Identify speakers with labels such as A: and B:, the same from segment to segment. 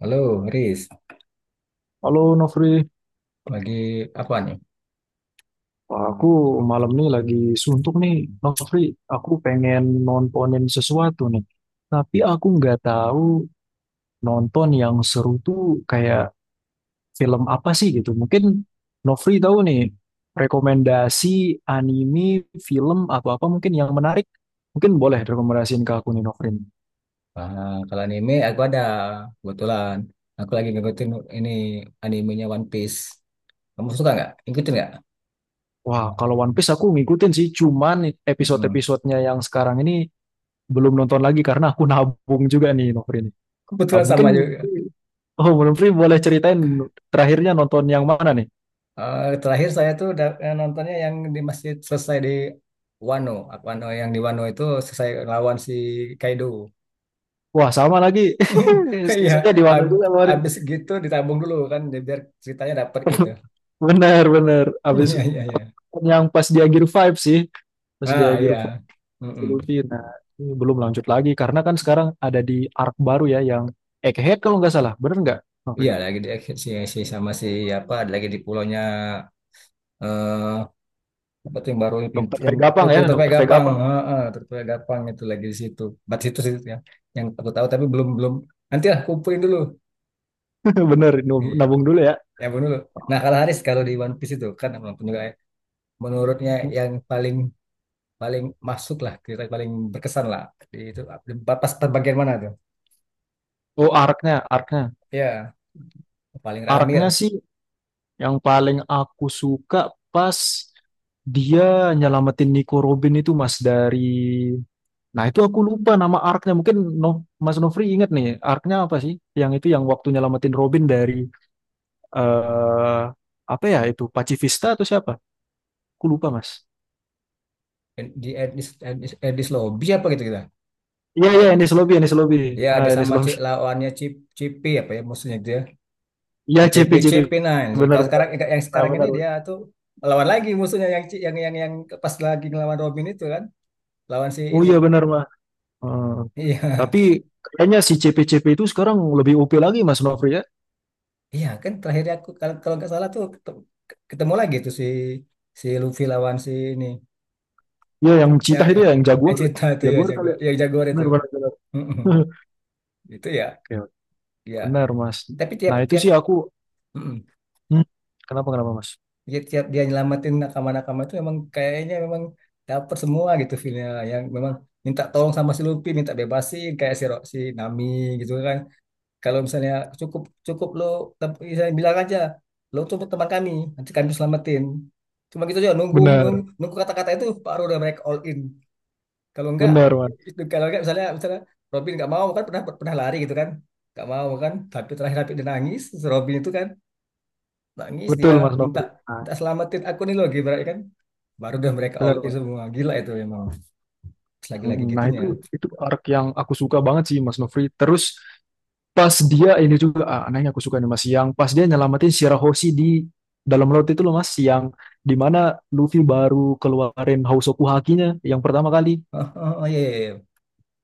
A: Halo, Riz.
B: Halo Nofri.
A: Lagi apa nih?
B: Wah, aku malam nih lagi suntuk nih Nofri, aku pengen nontonin sesuatu nih. Tapi aku nggak tahu nonton yang seru tuh kayak film apa sih gitu. Mungkin Nofri tahu nih rekomendasi anime, film atau apa mungkin yang menarik. Mungkin boleh rekomendasiin ke aku nih Nofri.
A: Ah, kalau anime aku ada kebetulan. Aku lagi ngikutin ini animenya One Piece. Kamu suka nggak? Ikutin nggak?
B: Wah, kalau One Piece aku ngikutin sih, cuman
A: Mm-mm.
B: episode-episodenya yang sekarang ini belum nonton lagi karena aku nabung juga nih Nofri nih. Ah,
A: Kebetulan
B: mungkin
A: sama juga.
B: oh, belum free boleh ceritain terakhirnya nonton yang mana nih?
A: Ah, terakhir saya tuh udah nontonnya yang di masjid, selesai di Wano. Wano, yang di Wano itu selesai lawan si Kaido.
B: Wah, sama lagi.
A: Iya,
B: Selesainya di mana
A: ab-
B: juga kemarin.
A: abis gitu ditabung dulu kan, biar ceritanya dapet gitu.
B: Bener, bener. Abis
A: Iya, iya, iya.
B: yang pas dia Gear 5 sih. Pas dia
A: Ah,
B: Gear 5
A: iya.
B: si Luffy.
A: Mm-mm.
B: Nah, ini belum lanjut lagi karena kan sekarang ada di arc baru ya yang Egghead kalau nggak salah. Bener nggak? Oke.
A: Iya lagi di si sama si apa, lagi di pulaunya eh apa tuh yang baru, pintu
B: Dokter
A: yang
B: Vegapang ya,
A: Terpai
B: Dokter
A: Gapang,
B: Vegapang.
A: heeh, Terpai Gapang itu lagi di situ, bat situ sih yang aku tahu, tapi belum, belum, nanti lah kumpulin dulu,
B: Bener,
A: iya,
B: nabung dulu ya.
A: ya belum dulu. Nah, kalau Haris kalau di One Piece itu kan, walaupun juga ya, menurutnya yang paling, paling masuk lah, kita paling berkesan lah di itu, pas bagian mana tuh?
B: Oh, arc-nya, arc-nya.
A: Iya paling rame
B: Arc-nya
A: lah.
B: sih, yang paling aku suka pas dia nyelamatin Nico Robin itu Mas dari. Nah itu aku lupa nama arc. Mungkin no, Mas Nofri ingat nih arc-nya apa sih? Yang itu yang waktu nyelamatin Robin dari eh apa ya itu Pacifista atau siapa? Aku lupa Mas.
A: Di Edis, Edis, Edis Lobby apa gitu, kita.
B: Iya iya Enies Lobby Enies Lobby.
A: Ya,
B: Ah
A: ada
B: Enies
A: sama C,
B: Lobby.
A: lawannya Cip, Cipi apa ya musuhnya dia.
B: Iya
A: Nah,
B: CP
A: Cipi,
B: CP.
A: Cipi, nah ini sih.
B: Benar
A: Kalau
B: benar.
A: sekarang, yang
B: Nah,
A: sekarang ini
B: benar.
A: dia tuh lawan lagi musuhnya yang yang yang pas lagi ngelawan Robin itu kan, lawan si
B: Oh
A: ini.
B: iya benar Mas. Hmm.
A: Iya.
B: Tapi kayaknya si CP-CP itu sekarang lebih OP lagi Mas Nofri ya.
A: Iya kan terakhir aku kalau kalau nggak salah tuh ketemu, lagi tuh si si Luffy lawan si ini.
B: Iya yang
A: Ya,
B: Citah
A: ya.
B: itu ya yang
A: Yang
B: Jaguar.
A: cerita itu ya
B: Jaguar
A: jago
B: kali ya.
A: ya, jaguar itu.
B: Benar benar benar.
A: Mm-mm. Itu ya.
B: Oke,
A: Ya.
B: benar Mas.
A: Tapi tiap
B: Nah, itu
A: tiap
B: sih aku.
A: mm-mm,
B: Hmm, kenapa kenapa Mas?
A: dia tiap dia nyelamatin nakama-nakama itu emang kayaknya memang dapet semua gitu feelnya, yang memang minta tolong sama si Luffy minta bebasin kayak si Nami gitu kan. Kalau misalnya cukup, cukup lo, misalnya bilang aja lo tuh teman kami, nanti kami selamatin. Cuma gitu aja, nunggu, nunggu,
B: Benar,
A: nunggu kata-kata itu, baru udah mereka all in. Kalau enggak,
B: benar Mas.
A: itu kalau enggak, misalnya, misalnya Robin nggak mau kan, pernah, pernah lari gitu kan, nggak mau kan, tapi terakhir, tapi dia nangis, si Robin itu kan nangis dia,
B: Betul Mas
A: minta,
B: Nofri. Nah,
A: minta selamatin aku nih loh gitu kan, baru dah mereka all
B: benar
A: in
B: Mas.
A: semua, gila itu memang. Terus lagi-lagi
B: Mm, nah,
A: gitunya.
B: itu arc yang aku suka banget sih Mas Nofri. Terus pas dia ini juga nah ini aku suka nih Mas yang pas dia nyelamatin Shirahoshi di dalam laut itu loh Mas yang dimana Luffy baru keluarin Hausoku Hakinya yang pertama kali
A: Oh, oh, oh, iya, iya, iya.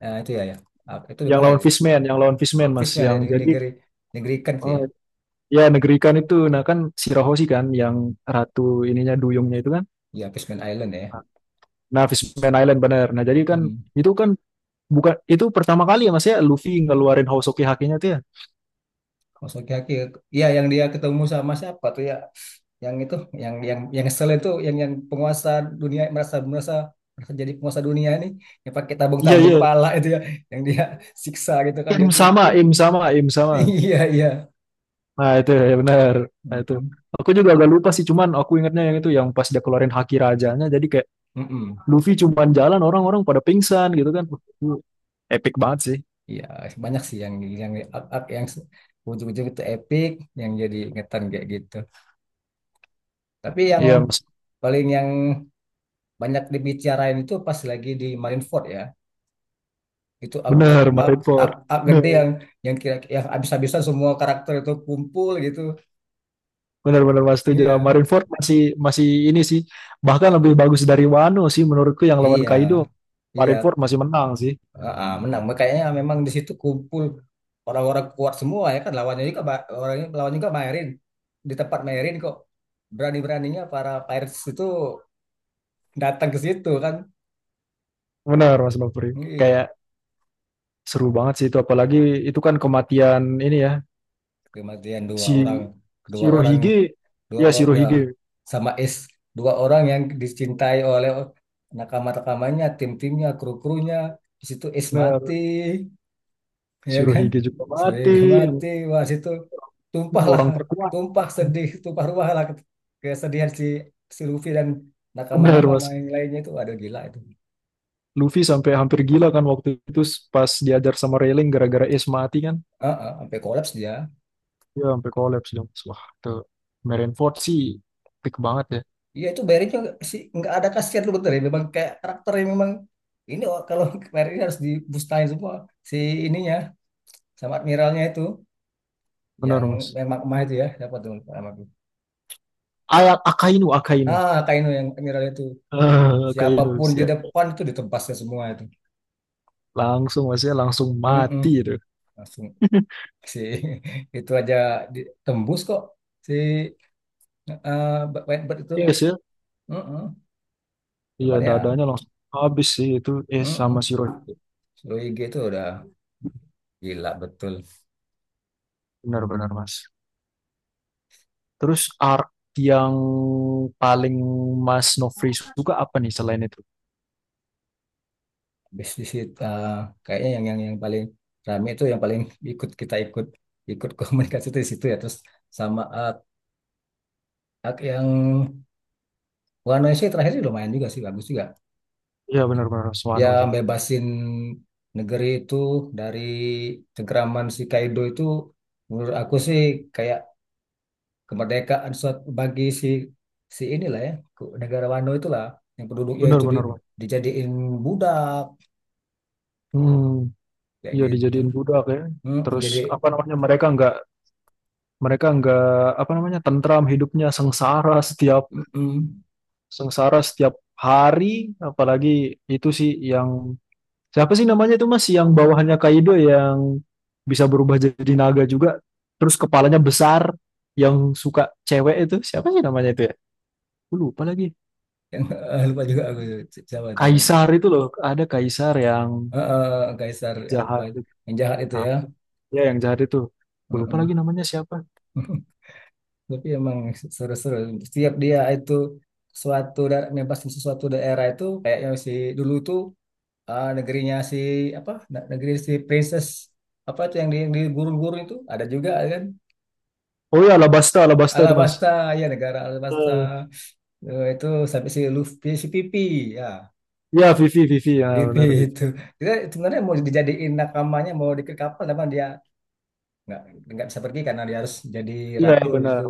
A: Nah, itu ya, ya. Ah, itu di mana itu ya?
B: Yang lawan Fishman Mas
A: Fishman ya,
B: yang
A: di
B: jadi
A: negeri, negeri ikan tuh ya.
B: oh. Ya, negeri ikan itu. Nah, kan Shirahoshi kan yang ratu ininya duyungnya itu kan.
A: Ya, Fishman Island ya.
B: Nah, Fishman Island bener. Nah, jadi kan
A: Mm.
B: itu kan bukan itu pertama kali ya Mas ya Luffy ngeluarin Hosoki hakinya tuh ya.
A: Maksudnya, ya yang dia ketemu sama siapa tuh ya, yang itu yang sel itu, yang penguasa dunia, merasa, merasa, merasa jadi penguasa dunia ini, yang pakai
B: Iya,
A: tabung-tabung
B: iya.
A: kepala itu ya, yang dia siksa gitu kan,
B: Ya,
A: dia
B: Im sama,
A: pukul.
B: im sama, im sama.
A: Iya, iya.
B: Nah, itu ya bener. Nah, itu.
A: Mm-mm.
B: Aku juga agak lupa sih, cuman aku ingatnya yang itu yang pas dia keluarin haki rajanya jadi kayak
A: Mm-mm.
B: Luffy cuman jalan orang-orang pada pingsan gitu kan. Wah, itu epic banget sih.
A: Iya, banyak sih yang arc yang ujung-ujung itu epic, yang jadi ingetan kayak gitu. Tapi yang
B: Iya, Mas.
A: paling, yang banyak dibicarain itu pas lagi di Marineford ya. Itu arc, arc,
B: Bener,
A: arc, arc,
B: Marineford.
A: arc gede yang kira, yang habis-habisan semua karakter itu kumpul gitu.
B: Benar-benar Mas setuju.
A: Iya.
B: Marineford masih masih ini sih, bahkan lebih bagus dari Wano sih menurutku yang lawan
A: Iya.
B: Kaido.
A: Iya.
B: Marineford masih menang sih.
A: Ah, ah, menang. Kayaknya memang di situ kumpul orang-orang kuat semua ya kan, lawannya juga orangnya, lawannya juga Maerin. Di tempat Maerin kok berani-beraninya para pirates itu datang ke situ kan.
B: Benar Mas Nopri.
A: Iya,
B: Kayak seru banget sih itu apalagi itu kan kematian ini ya,
A: kematian dua
B: si
A: orang, dua orang,
B: Shirohige
A: dua,
B: ya
A: udah,
B: Shirohige.
A: sama Es, dua orang yang dicintai oleh nakama-nakamanya, tim-timnya, kru-krunya di situ, Es mati
B: Benar.
A: ya kan.
B: Shirohige juga mati,
A: Sehingga
B: yang
A: mati, wah situ tumpahlah,
B: orang terkuat.
A: tumpah sedih, tumpah ruah lah, kesedihan si si Luffy dan
B: Benar
A: nakama-nakama
B: Mas.
A: yang lainnya itu, aduh gila itu.
B: Luffy sampai hampir gila kan waktu itu pas diajar sama Railing gara-gara Ace mati kan.
A: Ah, ah, sampai kolaps dia.
B: Ya sampai kolaps dong. Wah, tuh Marineford sih peak banget ya.
A: Iya itu bayarinnya nggak sih, nggak ada kasihan tuh, bener ya, memang kayak karakternya memang ini, oh, kalau bayarin harus dibustain semua si ininya sama admiralnya itu, yang
B: Benar, Mas.
A: memang emak itu ya, siapa tuh lupa nama aku.
B: Ayat Akainu, Akainu.
A: Ah Kaino, yang admiral itu,
B: Ah, Akainu,
A: siapapun di
B: siap.
A: depan itu ditebasnya semua itu.
B: Langsung, Mas ya, langsung
A: Mm-mm.
B: mati itu.
A: Langsung si itu aja ditembus kok si Whitebird itu.
B: Iya sih, ya?
A: Mm-mm.
B: Iya
A: Cuman ya.
B: dadanya langsung habis sih itu sama
A: Mm-mm.
B: si Rohit.
A: Suluigi itu udah gila betul.
B: Benar-benar, Mas. Terus arc yang paling Mas Nofri suka apa nih selain itu?
A: Bisnis itu kayaknya yang yang paling rame itu, yang paling ikut, kita ikut, komunikasi itu di situ ya. Terus sama ak yang Wano sih terakhir sih lumayan juga sih, bagus juga
B: Iya, benar-benar
A: ya.
B: Swano sih.
A: Bebasin negeri itu dari cengkraman si Kaido itu, menurut aku sih, kayak kemerdekaan suatu bagi si si inilah ya, negara Wano itulah, yang penduduknya itu di,
B: Benar-benar, Mas.
A: dijadiin budak
B: Hmm,
A: kayak
B: iya
A: gitu.
B: dijadiin budak ya.
A: Mm,
B: Terus
A: jadi
B: apa namanya, mereka nggak apa namanya tentram hidupnya,
A: mm,
B: sengsara setiap hari, apalagi itu sih yang siapa sih namanya itu Mas yang bawahannya Kaido yang bisa berubah jadi naga juga, terus kepalanya besar, yang suka cewek itu, siapa sih namanya itu ya. Aku lupa lagi.
A: yang lupa juga aku, si- siapa tuh yang
B: Kaisar itu loh, ada Kaisar yang
A: eh, Kaisar apa
B: jahat itu.
A: yang jahat itu ya.
B: Apa? Ya yang jahat itu. Aku lupa lagi
A: Mm-mm.
B: namanya siapa.
A: Tapi emang seru-seru setiap dia itu suatu daerah mempasin sesuatu daerah itu, kayaknya si dulu tuh, eh, negerinya si apa, negeri si princess apa tuh yang di gurun-gurun itu ada juga kan.
B: Oh ya Alabasta, Alabasta itu Mas.
A: Alabasta, ya negara Alabasta.
B: Eh,
A: Eh, itu sampai si Luffy si Pipi ya.
B: ya Vivi Vivi ya
A: Pipi
B: benar Vivi.
A: itu kita sebenarnya mau dijadiin nakamanya, mau diikat kapal, tapi dia nggak nggak bisa pergi karena dia harus jadi
B: Iya
A: ratu gitu.
B: benar.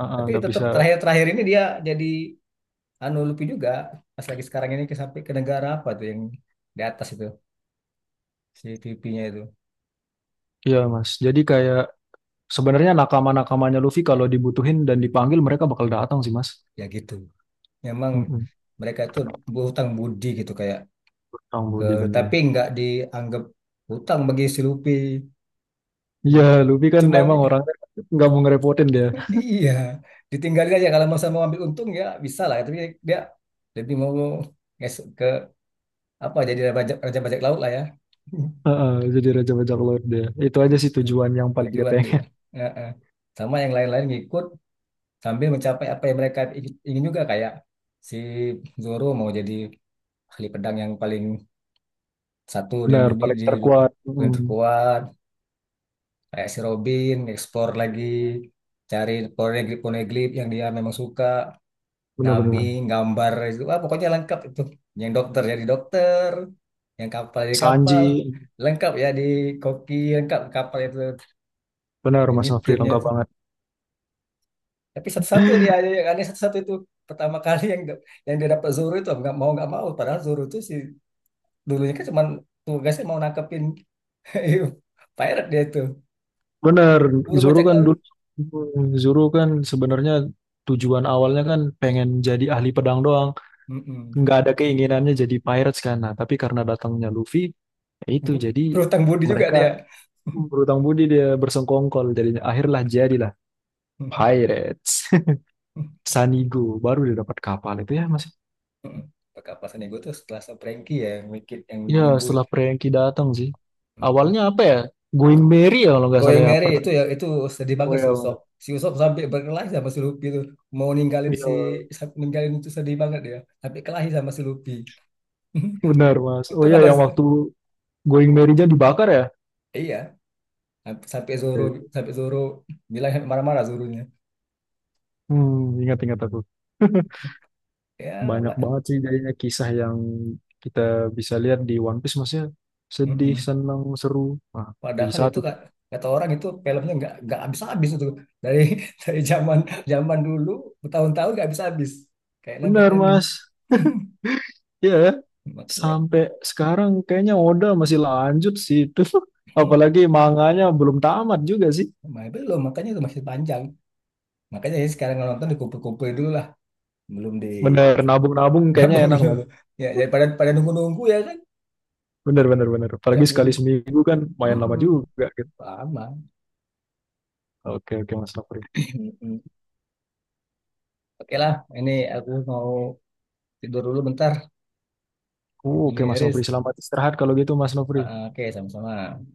B: Ah, ah,
A: Tapi
B: nggak
A: tetap
B: bisa.
A: terakhir-terakhir ini dia jadi anu Luffy juga, pas lagi sekarang ini ke, sampai ke negara apa tuh yang di atas itu si pipinya itu.
B: Iya Mas. Jadi kayak sebenarnya nakama-nakamanya Luffy kalau dibutuhin dan dipanggil mereka bakal datang sih Mas.
A: Ya gitu memang
B: Mm-mm.
A: mereka itu berhutang budi gitu kayak
B: Orang
A: ke,
B: Budi benar.
A: tapi nggak dianggap hutang bagi si Luffy,
B: Iya, Luffy kan
A: cuman
B: emang orangnya nggak mau ngerepotin dia.
A: iya ditinggalin aja, kalau mau sama ambil untung ya bisa lah, tapi dia lebih mau ke apa, jadi raja, raja bajak laut lah ya.
B: Heeh, jadi Raja Bajak Laut dia. Itu aja
A: tu-
B: sih
A: tu-
B: tujuan yang paling dia
A: Tujuan dia.
B: pengen.
A: Ya, eh. Sama yang lain-lain ngikut, sambil mencapai apa yang mereka ingin juga, kayak si Zoro mau jadi ahli pedang yang paling satu di
B: Benar,
A: dunia,
B: paling
A: di
B: terkuat.
A: paling
B: Mm.
A: terkuat. Kayak si Robin eksplor lagi, cari poneglyph, poneglyph yang dia memang suka. Nami
B: Benar-benar.
A: gambar itu, ah, pokoknya lengkap itu, yang dokter jadi dokter, yang kapal jadi kapal,
B: Sanji,
A: lengkap ya di koki, lengkap kapal itu,
B: benar
A: ini
B: Mas Afri
A: timnya.
B: lengkap banget.
A: Tapi satu-satu dia yang aneh satu-satu itu, pertama kali yang dia dapat Zoro itu nggak mau, padahal Zoro itu si dulunya kan cuma tugasnya mau nangkepin pirate dia itu,
B: Benar,
A: buru
B: Zoro
A: bajak
B: kan
A: laut.
B: dulu, Zoro kan sebenarnya tujuan awalnya kan pengen jadi ahli pedang doang.
A: Mm-mm.
B: Nggak ada keinginannya jadi pirates kan. Nah, tapi karena datangnya Luffy, ya itu
A: Bu-
B: jadi
A: Berhutang budi juga dia.
B: mereka berutang budi, dia bersengkongkol jadinya, akhirlah jadilah
A: Mm-mm.
B: pirates. Sanigo baru dia dapat kapal itu ya Mas.
A: Perkapasan ego tuh setelah sama Frankie ya, yang mikir yang
B: Ya
A: ngebul.
B: setelah Prengki datang sih.
A: Mm-mm.
B: Awalnya apa ya? Going Merry ya kalau nggak salah
A: Going
B: ya
A: Merry itu
B: pertama.
A: ya itu, sedih
B: Oh
A: banget
B: ya,
A: si Usop.
B: Mas.
A: Si Usop sampai berkelahi sama si Luffy tuh mau ninggalin
B: Iya,
A: si, ninggalin itu sedih banget dia. Sampai kelahi sama si Luffy.
B: benar Mas. Oh
A: Untung
B: ya
A: ada,
B: yang waktu Going Merry-nya dibakar ya.
A: iya, sampai Zoro, sampai Zoro bilang sampai marah-marah Zoronya.
B: Hmm, ingat-ingat aku.
A: Ya,
B: Banyak
A: Pak.
B: banget sih jadinya kisah yang kita bisa lihat di One Piece Mas ya. Sedih,
A: Mm-mm.
B: senang, seru. Nah, jadi
A: Padahal itu
B: satu tuh.
A: kak, kata orang itu filmnya nggak habis-habis itu, dari dari zaman, zaman dulu bertahun-tahun nggak habis-habis, kayak never
B: Benar
A: ending.
B: Mas. Ya,
A: Makanya
B: sampai sekarang kayaknya Oda masih lanjut sih itu. Apalagi manganya belum tamat juga sih.
A: makanya belum, makanya itu masih panjang. Makanya ya sekarang kalau nonton dikumpul-kumpul dulu lah, belum di
B: Bener, nabung-nabung kayaknya
A: nabung
B: enak
A: dulu.
B: nabung.
A: Ya daripada pada nunggu-nunggu ya kan,
B: Bener, bener, bener.
A: tiap
B: Apalagi sekali
A: minggu.
B: seminggu kan main lama
A: Mm-mm.
B: juga gitu.
A: Lama.
B: Oke, oke Mas Nofri.
A: Oke lah, ini aku mau tidur dulu bentar.
B: Oh, oke
A: Ini
B: Mas Nofri,
A: Riz.
B: selamat istirahat kalau gitu Mas Nofri.
A: Ah, ah, oke, sama-sama.